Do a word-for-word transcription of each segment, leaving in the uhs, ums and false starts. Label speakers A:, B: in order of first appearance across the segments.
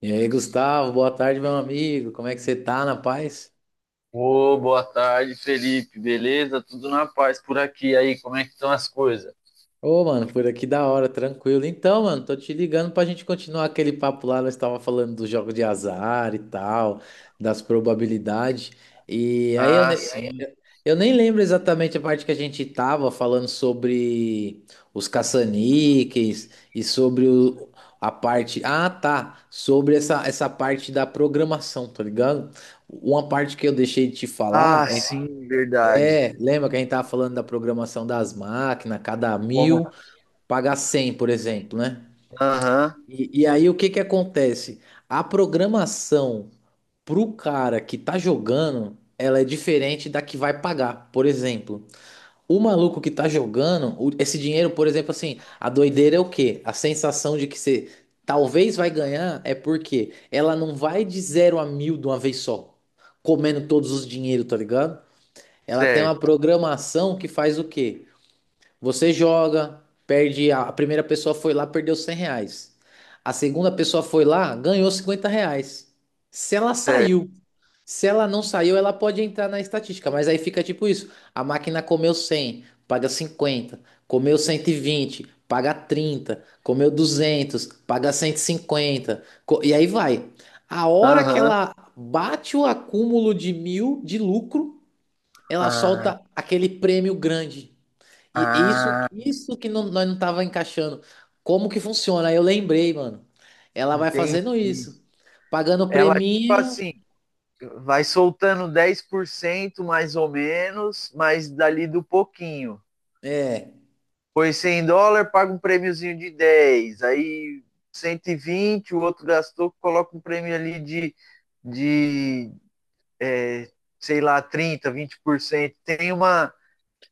A: E aí, Gustavo, boa tarde, meu amigo. Como é que você tá, na paz?
B: Ô, boa tarde, Felipe. Beleza? Tudo na paz por aqui. Aí, como é que estão as coisas?
A: Ô, mano, por aqui da hora, tranquilo. Então, mano, tô te ligando pra gente continuar aquele papo lá. Nós tava falando do jogo de azar e tal, das probabilidades. E aí eu,
B: Ah,
A: ne-
B: sim.
A: eu nem lembro exatamente a parte que a gente tava falando sobre os caça-níqueis e sobre o- a parte. Ah, tá. Sobre essa, essa parte da programação, tá ligado? Uma parte que eu deixei de te falar
B: Ah,
A: é.
B: sim, verdade.
A: É, lembra que a gente tava falando da programação das máquinas, cada
B: Como?
A: mil paga cem, por exemplo, né?
B: Aham,
A: E, e aí o que que acontece? A programação pro cara que tá jogando, ela é diferente da que vai pagar. Por exemplo, o maluco que tá jogando, o- esse dinheiro, por exemplo, assim, a doideira é o quê? A sensação de que você talvez vai ganhar é porque ela não vai de zero a mil de uma vez só, comendo todos os dinheiros, tá ligado? Ela tem uma
B: certo,
A: programação que faz o quê? Você joga, perde. A a primeira pessoa foi lá, perdeu cem reais. A segunda pessoa foi lá, ganhou cinquenta reais. Se ela
B: certo.
A: saiu, se ela não saiu, ela pode entrar na estatística, mas aí fica tipo isso: a máquina comeu cem, paga cinquenta; comeu cento e vinte, paga trinta; comeu duzentos, paga 150, co- e aí vai. A hora que
B: Aham.
A: ela bate o acúmulo de mil de lucro, ela
B: Ah,
A: solta aquele prêmio grande. E isso,
B: ah,
A: isso que não- nós não tava encaixando. Como que funciona? Aí eu lembrei, mano. Ela vai
B: entendi.
A: fazendo isso, pagando o
B: Ela, tipo
A: preminho.
B: assim, vai soltando dez por cento mais ou menos, mas dali do pouquinho.
A: É,
B: Foi cem dólares, paga um prêmiozinho de dez. Aí cento e vinte, o outro gastou, coloca um prêmio ali de de, sei lá, trinta vinte por cento, tem uma,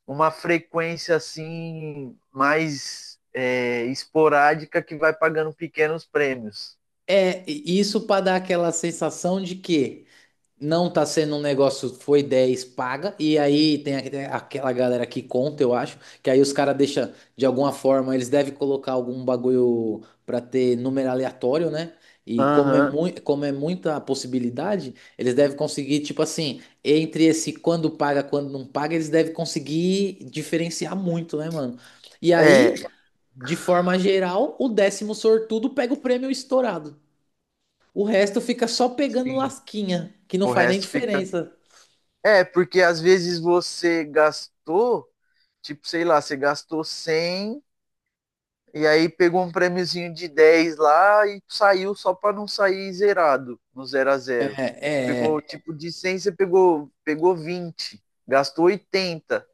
B: uma frequência assim mais é, esporádica, que vai pagando pequenos prêmios.
A: é e isso para dar aquela sensação de que não tá sendo um negócio, foi dez paga, e aí tem aque- tem aquela galera que conta, eu acho, que aí os caras deixam, de alguma forma, eles devem colocar algum bagulho pra ter número aleatório, né? E como é,
B: Aham. Uhum.
A: mui- como é muita possibilidade, eles devem conseguir, tipo assim, entre esse quando paga, quando não paga, eles devem conseguir diferenciar muito, né, mano? E
B: É,
A: aí, de forma geral, o décimo sortudo pega o prêmio estourado. O resto fica só pegando
B: sim.
A: lasquinha, que não
B: O
A: faz nem
B: resto fica.
A: diferença.
B: É, porque às vezes você gastou, tipo, sei lá, você gastou cem e aí pegou um prêmiozinho de dez lá e saiu só para não sair zerado no zero a
A: É,
B: zero. Pegou
A: é
B: tipo de cem você pegou, pegou vinte, gastou oitenta.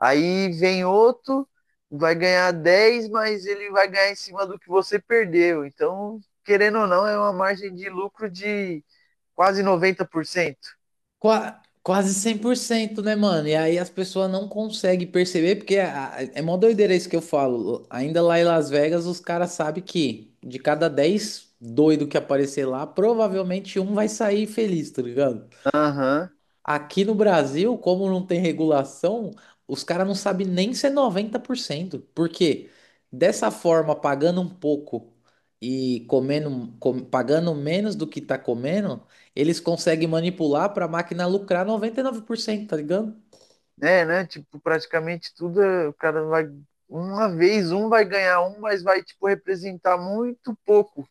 B: Aí vem outro, vai ganhar dez, mas ele vai ganhar em cima do que você perdeu. Então, querendo ou não, é uma margem de lucro de quase noventa por cento.
A: qua- quase cem por cento, né, mano? E aí as pessoas não conseguem perceber, porque a- a- é mó doideira isso que eu falo. Ainda lá em Las Vegas, os caras sabem que de cada dez doido que aparecer lá, provavelmente um vai sair feliz, tá ligado?
B: Aham. Uhum.
A: Aqui no Brasil, como não tem regulação, os caras não sabem nem se é noventa por cento, porque dessa forma, pagando um pouco e comendo, com- pagando menos do que tá comendo, eles conseguem manipular para a máquina lucrar noventa e nove por cento. Tá ligado?
B: É, né? Tipo, praticamente tudo, é, o cara vai. Uma vez um vai ganhar um, mas vai, tipo, representar muito pouco,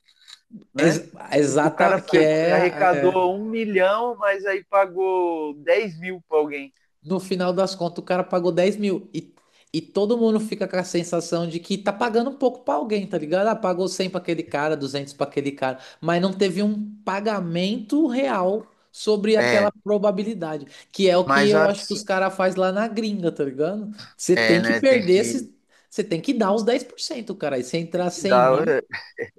B: né?
A: Ex-
B: Tipo, o cara
A: exata, que
B: pe-
A: é.
B: arrecadou um milhão, mas aí pagou dez mil pra alguém.
A: No final das contas, o cara pagou dez mil. E, e todo mundo fica com a sensação de que tá pagando um pouco pra alguém, tá ligado? Ah, pagou cem pra aquele cara, duzentos pra aquele cara. Mas não teve um pagamento real sobre aquela
B: É,
A: probabilidade. Que é o que
B: mas
A: eu acho que
B: assim,
A: os caras faz lá na gringa, tá ligado? Você tem
B: é,
A: que
B: né? Tem
A: perder,
B: que
A: esse- você tem que dar os dez por cento, cara. E se entrar cem
B: dar.
A: mil,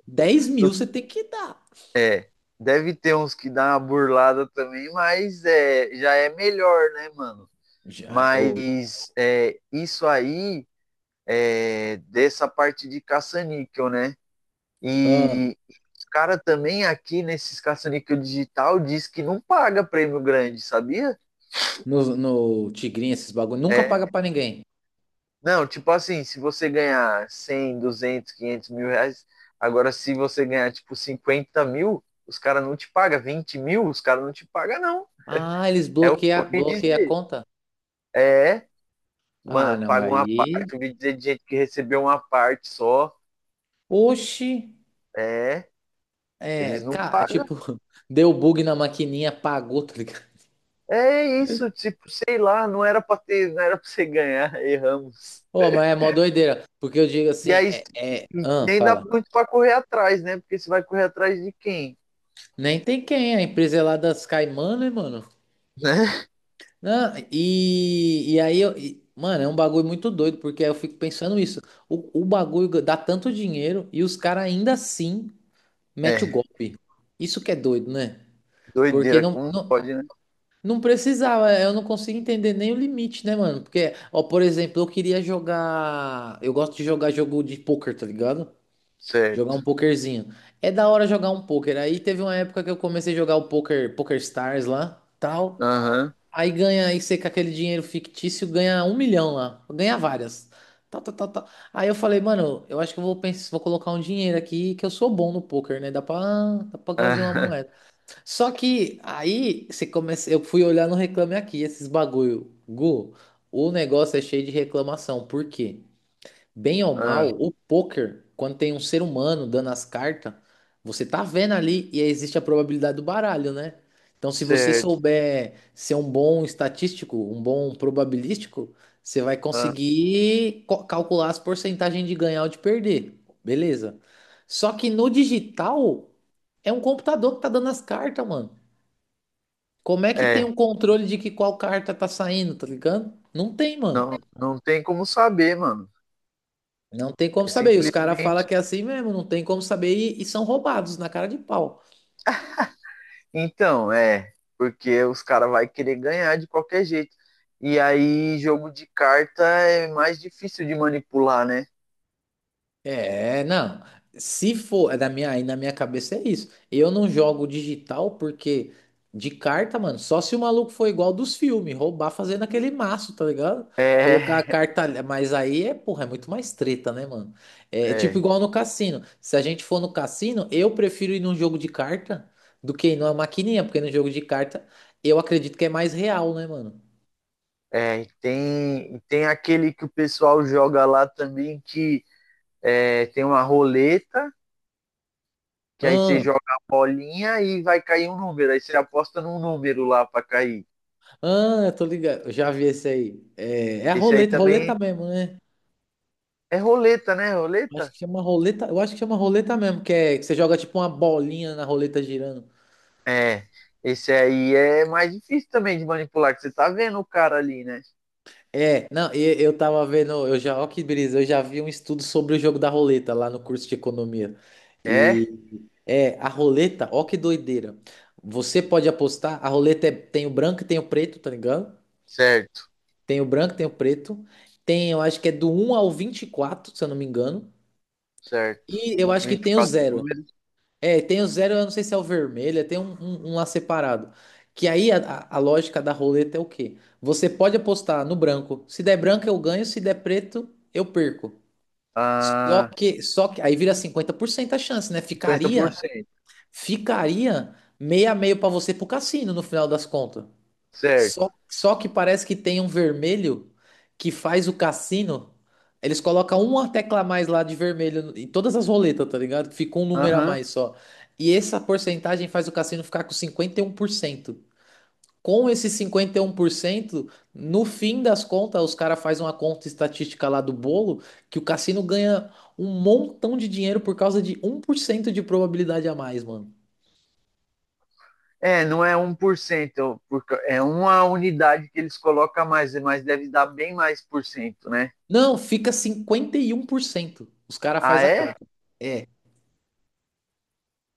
A: dez mil você tem que dar.
B: É, deve ter uns que dá uma burlada também, mas é, já é melhor, né, mano?
A: Já, ou,
B: Mas é, isso aí é dessa parte de caça-níquel, né?
A: ah,
B: E os cara também aqui nesses caça-níquel digital diz que não paga prêmio grande, sabia?
A: no, no Tigrinho, esses bagulho, nunca paga
B: É,
A: pra ninguém.
B: não, tipo assim, se você ganhar cem, duzentos, quinhentos mil reais, agora se você ganhar tipo cinquenta mil, os caras não te pagam, vinte mil, os caras não te pagam, não.
A: Ah, eles
B: É o que eu
A: bloqueiam,
B: ouvi
A: bloqueiam a
B: dizer.
A: conta?
B: É,
A: Ah,
B: mano,
A: não,
B: paga uma
A: aí.
B: parte. Eu vi dizer de gente que recebeu uma parte só.
A: Oxi,
B: É,
A: é,
B: eles não
A: cara,
B: pagam.
A: tipo, deu bug na maquininha, pagou, tá ligado?
B: É isso, tipo, sei lá, não era pra ter, não era pra você ganhar, erramos.
A: Ô, mas é mó doideira, porque eu digo
B: E
A: assim,
B: aí
A: é, é, ah,
B: nem dá
A: fala,
B: muito pra correr atrás, né? Porque você vai correr atrás de quem?
A: nem tem quem, a empresa é lá das Caimã, né, mano?
B: Né?
A: Não, e, e aí, eu, e- mano, é um bagulho muito doido, porque aí eu fico pensando isso, o, o bagulho dá tanto dinheiro e os caras ainda assim metem o
B: É,
A: golpe. Isso que é doido, né? Porque
B: doideira,
A: não,
B: como
A: não-
B: pode, né?
A: não precisava, é, eu não consigo entender nem o limite, né, mano? Porque, ó, por exemplo, eu queria jogar. Eu gosto de jogar jogo de poker, tá ligado? Jogar
B: Certo.
A: um pokerzinho. É da hora jogar um poker. Aí teve uma época que eu comecei a jogar o poker, Poker Stars lá, tal.
B: Aham.
A: Aí ganha, aí você com aquele dinheiro fictício ganha um milhão lá. Ganha várias. Tal, tal, tal, tal. Aí eu falei, mano, eu acho que eu vou pensar, vou colocar um dinheiro aqui que eu sou bom no poker, né? Dá pra, dá pra fazer uma
B: aham,
A: moeda. Só que aí você começa, eu fui olhar no Reclame Aqui, esses bagulho. Gu, o negócio é cheio de reclamação. Por quê? Bem ou mal, o poker, quando tem um ser humano dando as cartas, você tá vendo ali e aí existe a probabilidade do baralho, né? Então, se você
B: certo.
A: souber ser um bom estatístico, um bom probabilístico, você vai
B: Aham.
A: conseguir co- calcular as porcentagens de ganhar ou de perder. Beleza. Só que no digital é um computador que tá dando as cartas, mano. Como é que tem
B: É,
A: um controle de que qual carta tá saindo, tá ligado? Não tem, mano.
B: não, não, tem como saber, mano.
A: Não tem como
B: É
A: saber. E os caras falam
B: simplesmente.
A: que é assim mesmo, não tem como saber e, e são roubados na cara de pau.
B: Então, é, porque os caras vai querer ganhar de qualquer jeito. E aí, jogo de carta é mais difícil de manipular, né?
A: É, não. Se for, é da minha, aí na minha cabeça é isso. Eu não jogo digital porque de carta, mano, só se o maluco for igual dos filmes, roubar fazendo aquele maço, tá ligado? Colocar a
B: É,
A: carta, ali- mas aí é, porra, é muito mais treta, né, mano? É tipo
B: é,
A: igual no cassino. Se a gente for no cassino, eu prefiro ir num jogo de carta do que ir numa maquininha, porque no jogo de carta eu acredito que é mais real, né, mano?
B: é. e Tem, e tem aquele que o pessoal joga lá também que é, tem uma roleta, que aí você
A: Ah,
B: joga a bolinha e vai cair um número. Aí você aposta num número lá pra cair.
A: ah, eu tô ligado. Eu já vi esse aí. É, é a
B: Esse aí
A: roleta,
B: também
A: roleta mesmo, né?
B: é roleta, né?
A: Acho
B: Roleta?
A: que chama roleta, eu acho que chama roleta mesmo, que é que você joga tipo uma bolinha na roleta girando.
B: É. Esse aí é mais difícil também de manipular, que você tá vendo o cara ali, né?
A: É, não, e- eu, tava vendo, eu já, ó que brisa, eu já vi um estudo sobre o jogo da roleta lá no curso de economia. E
B: É.
A: é, a roleta, ó que doideira. Você pode apostar, a roleta é- tem o branco e tem o preto, tá ligado?
B: Certo,
A: Tem o branco, tem o preto. Tem, eu acho que é do um ao vinte e quatro, se eu não me engano.
B: certo.
A: E eu acho que tem o
B: vinte e quatro
A: zero.
B: números.
A: É, tem o zero, eu não sei se é o vermelho, tem um, um- um lá separado. Que aí a, a- a lógica da roleta é o quê? Você pode apostar no branco. Se der branco, eu ganho, se der preto, eu perco. Só
B: Ah,
A: que, só que aí vira cinquenta por cento a chance, né?
B: cinquenta por
A: Ficaria,
B: cento
A: ficaria meia a meio pra você pro cassino no final das contas.
B: Certo.
A: Só, só que parece que tem um vermelho que faz o cassino. Eles colocam uma tecla a mais lá de vermelho em todas as roletas, tá ligado? Que fica um número a
B: Aham.
A: mais só. E essa porcentagem faz o cassino ficar com cinquenta e um por cento. Com esse cinquenta e um por cento, no fim das contas, os caras fazem uma conta estatística lá do bolo que o cassino ganha um montão de dinheiro por causa de um por cento de probabilidade a mais, mano.
B: É, não é um 1%, porque é uma unidade que eles colocam a mais, mas deve dar bem mais por cento, né?
A: Não, fica cinquenta e um por cento. Os caras
B: Ah,
A: fazem a
B: é?
A: conta. É.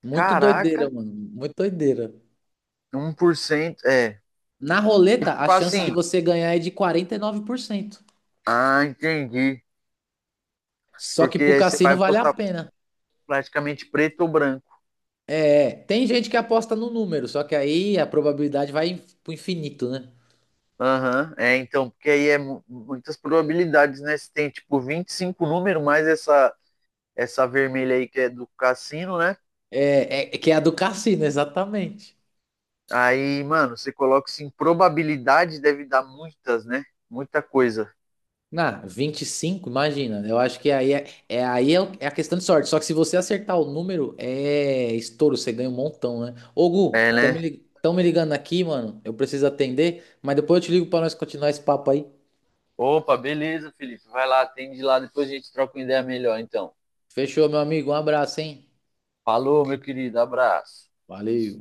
A: Muito doideira,
B: Caraca,
A: mano. Muito doideira.
B: um por cento é.
A: Na roleta, a
B: Tipo
A: chance de
B: assim,
A: você ganhar é de quarenta e nove por cento.
B: ah, entendi.
A: Só que
B: Porque
A: pro
B: aí você
A: cassino
B: vai
A: vale a
B: postar
A: pena.
B: praticamente preto ou branco.
A: É, tem gente que aposta no número, só que aí a probabilidade vai pro infinito, né?
B: Aham, é, então, porque aí é mu- muitas probabilidades, né? Se tem tipo vinte e cinco números, mais essa, essa, vermelha aí que é do cassino, né?
A: É, é é que é a do cassino, exatamente.
B: Aí, mano, você coloca assim, probabilidade deve dar muitas, né? Muita coisa.
A: Na vinte e cinco, imagina. Eu acho que aí é, é- aí é, o- é a questão de sorte. Só que se você acertar o número, é estouro, você ganha um montão, né? Ô, Gu,
B: É,
A: estão me,
B: né?
A: li- tão me ligando aqui, mano. Eu preciso atender, mas depois eu te ligo pra nós continuar esse papo aí.
B: Opa, beleza, Felipe. Vai lá, atende lá, depois a gente troca uma ideia melhor, então.
A: Fechou, meu amigo. Um abraço, hein?
B: Falou, meu querido, abraço.
A: Valeu.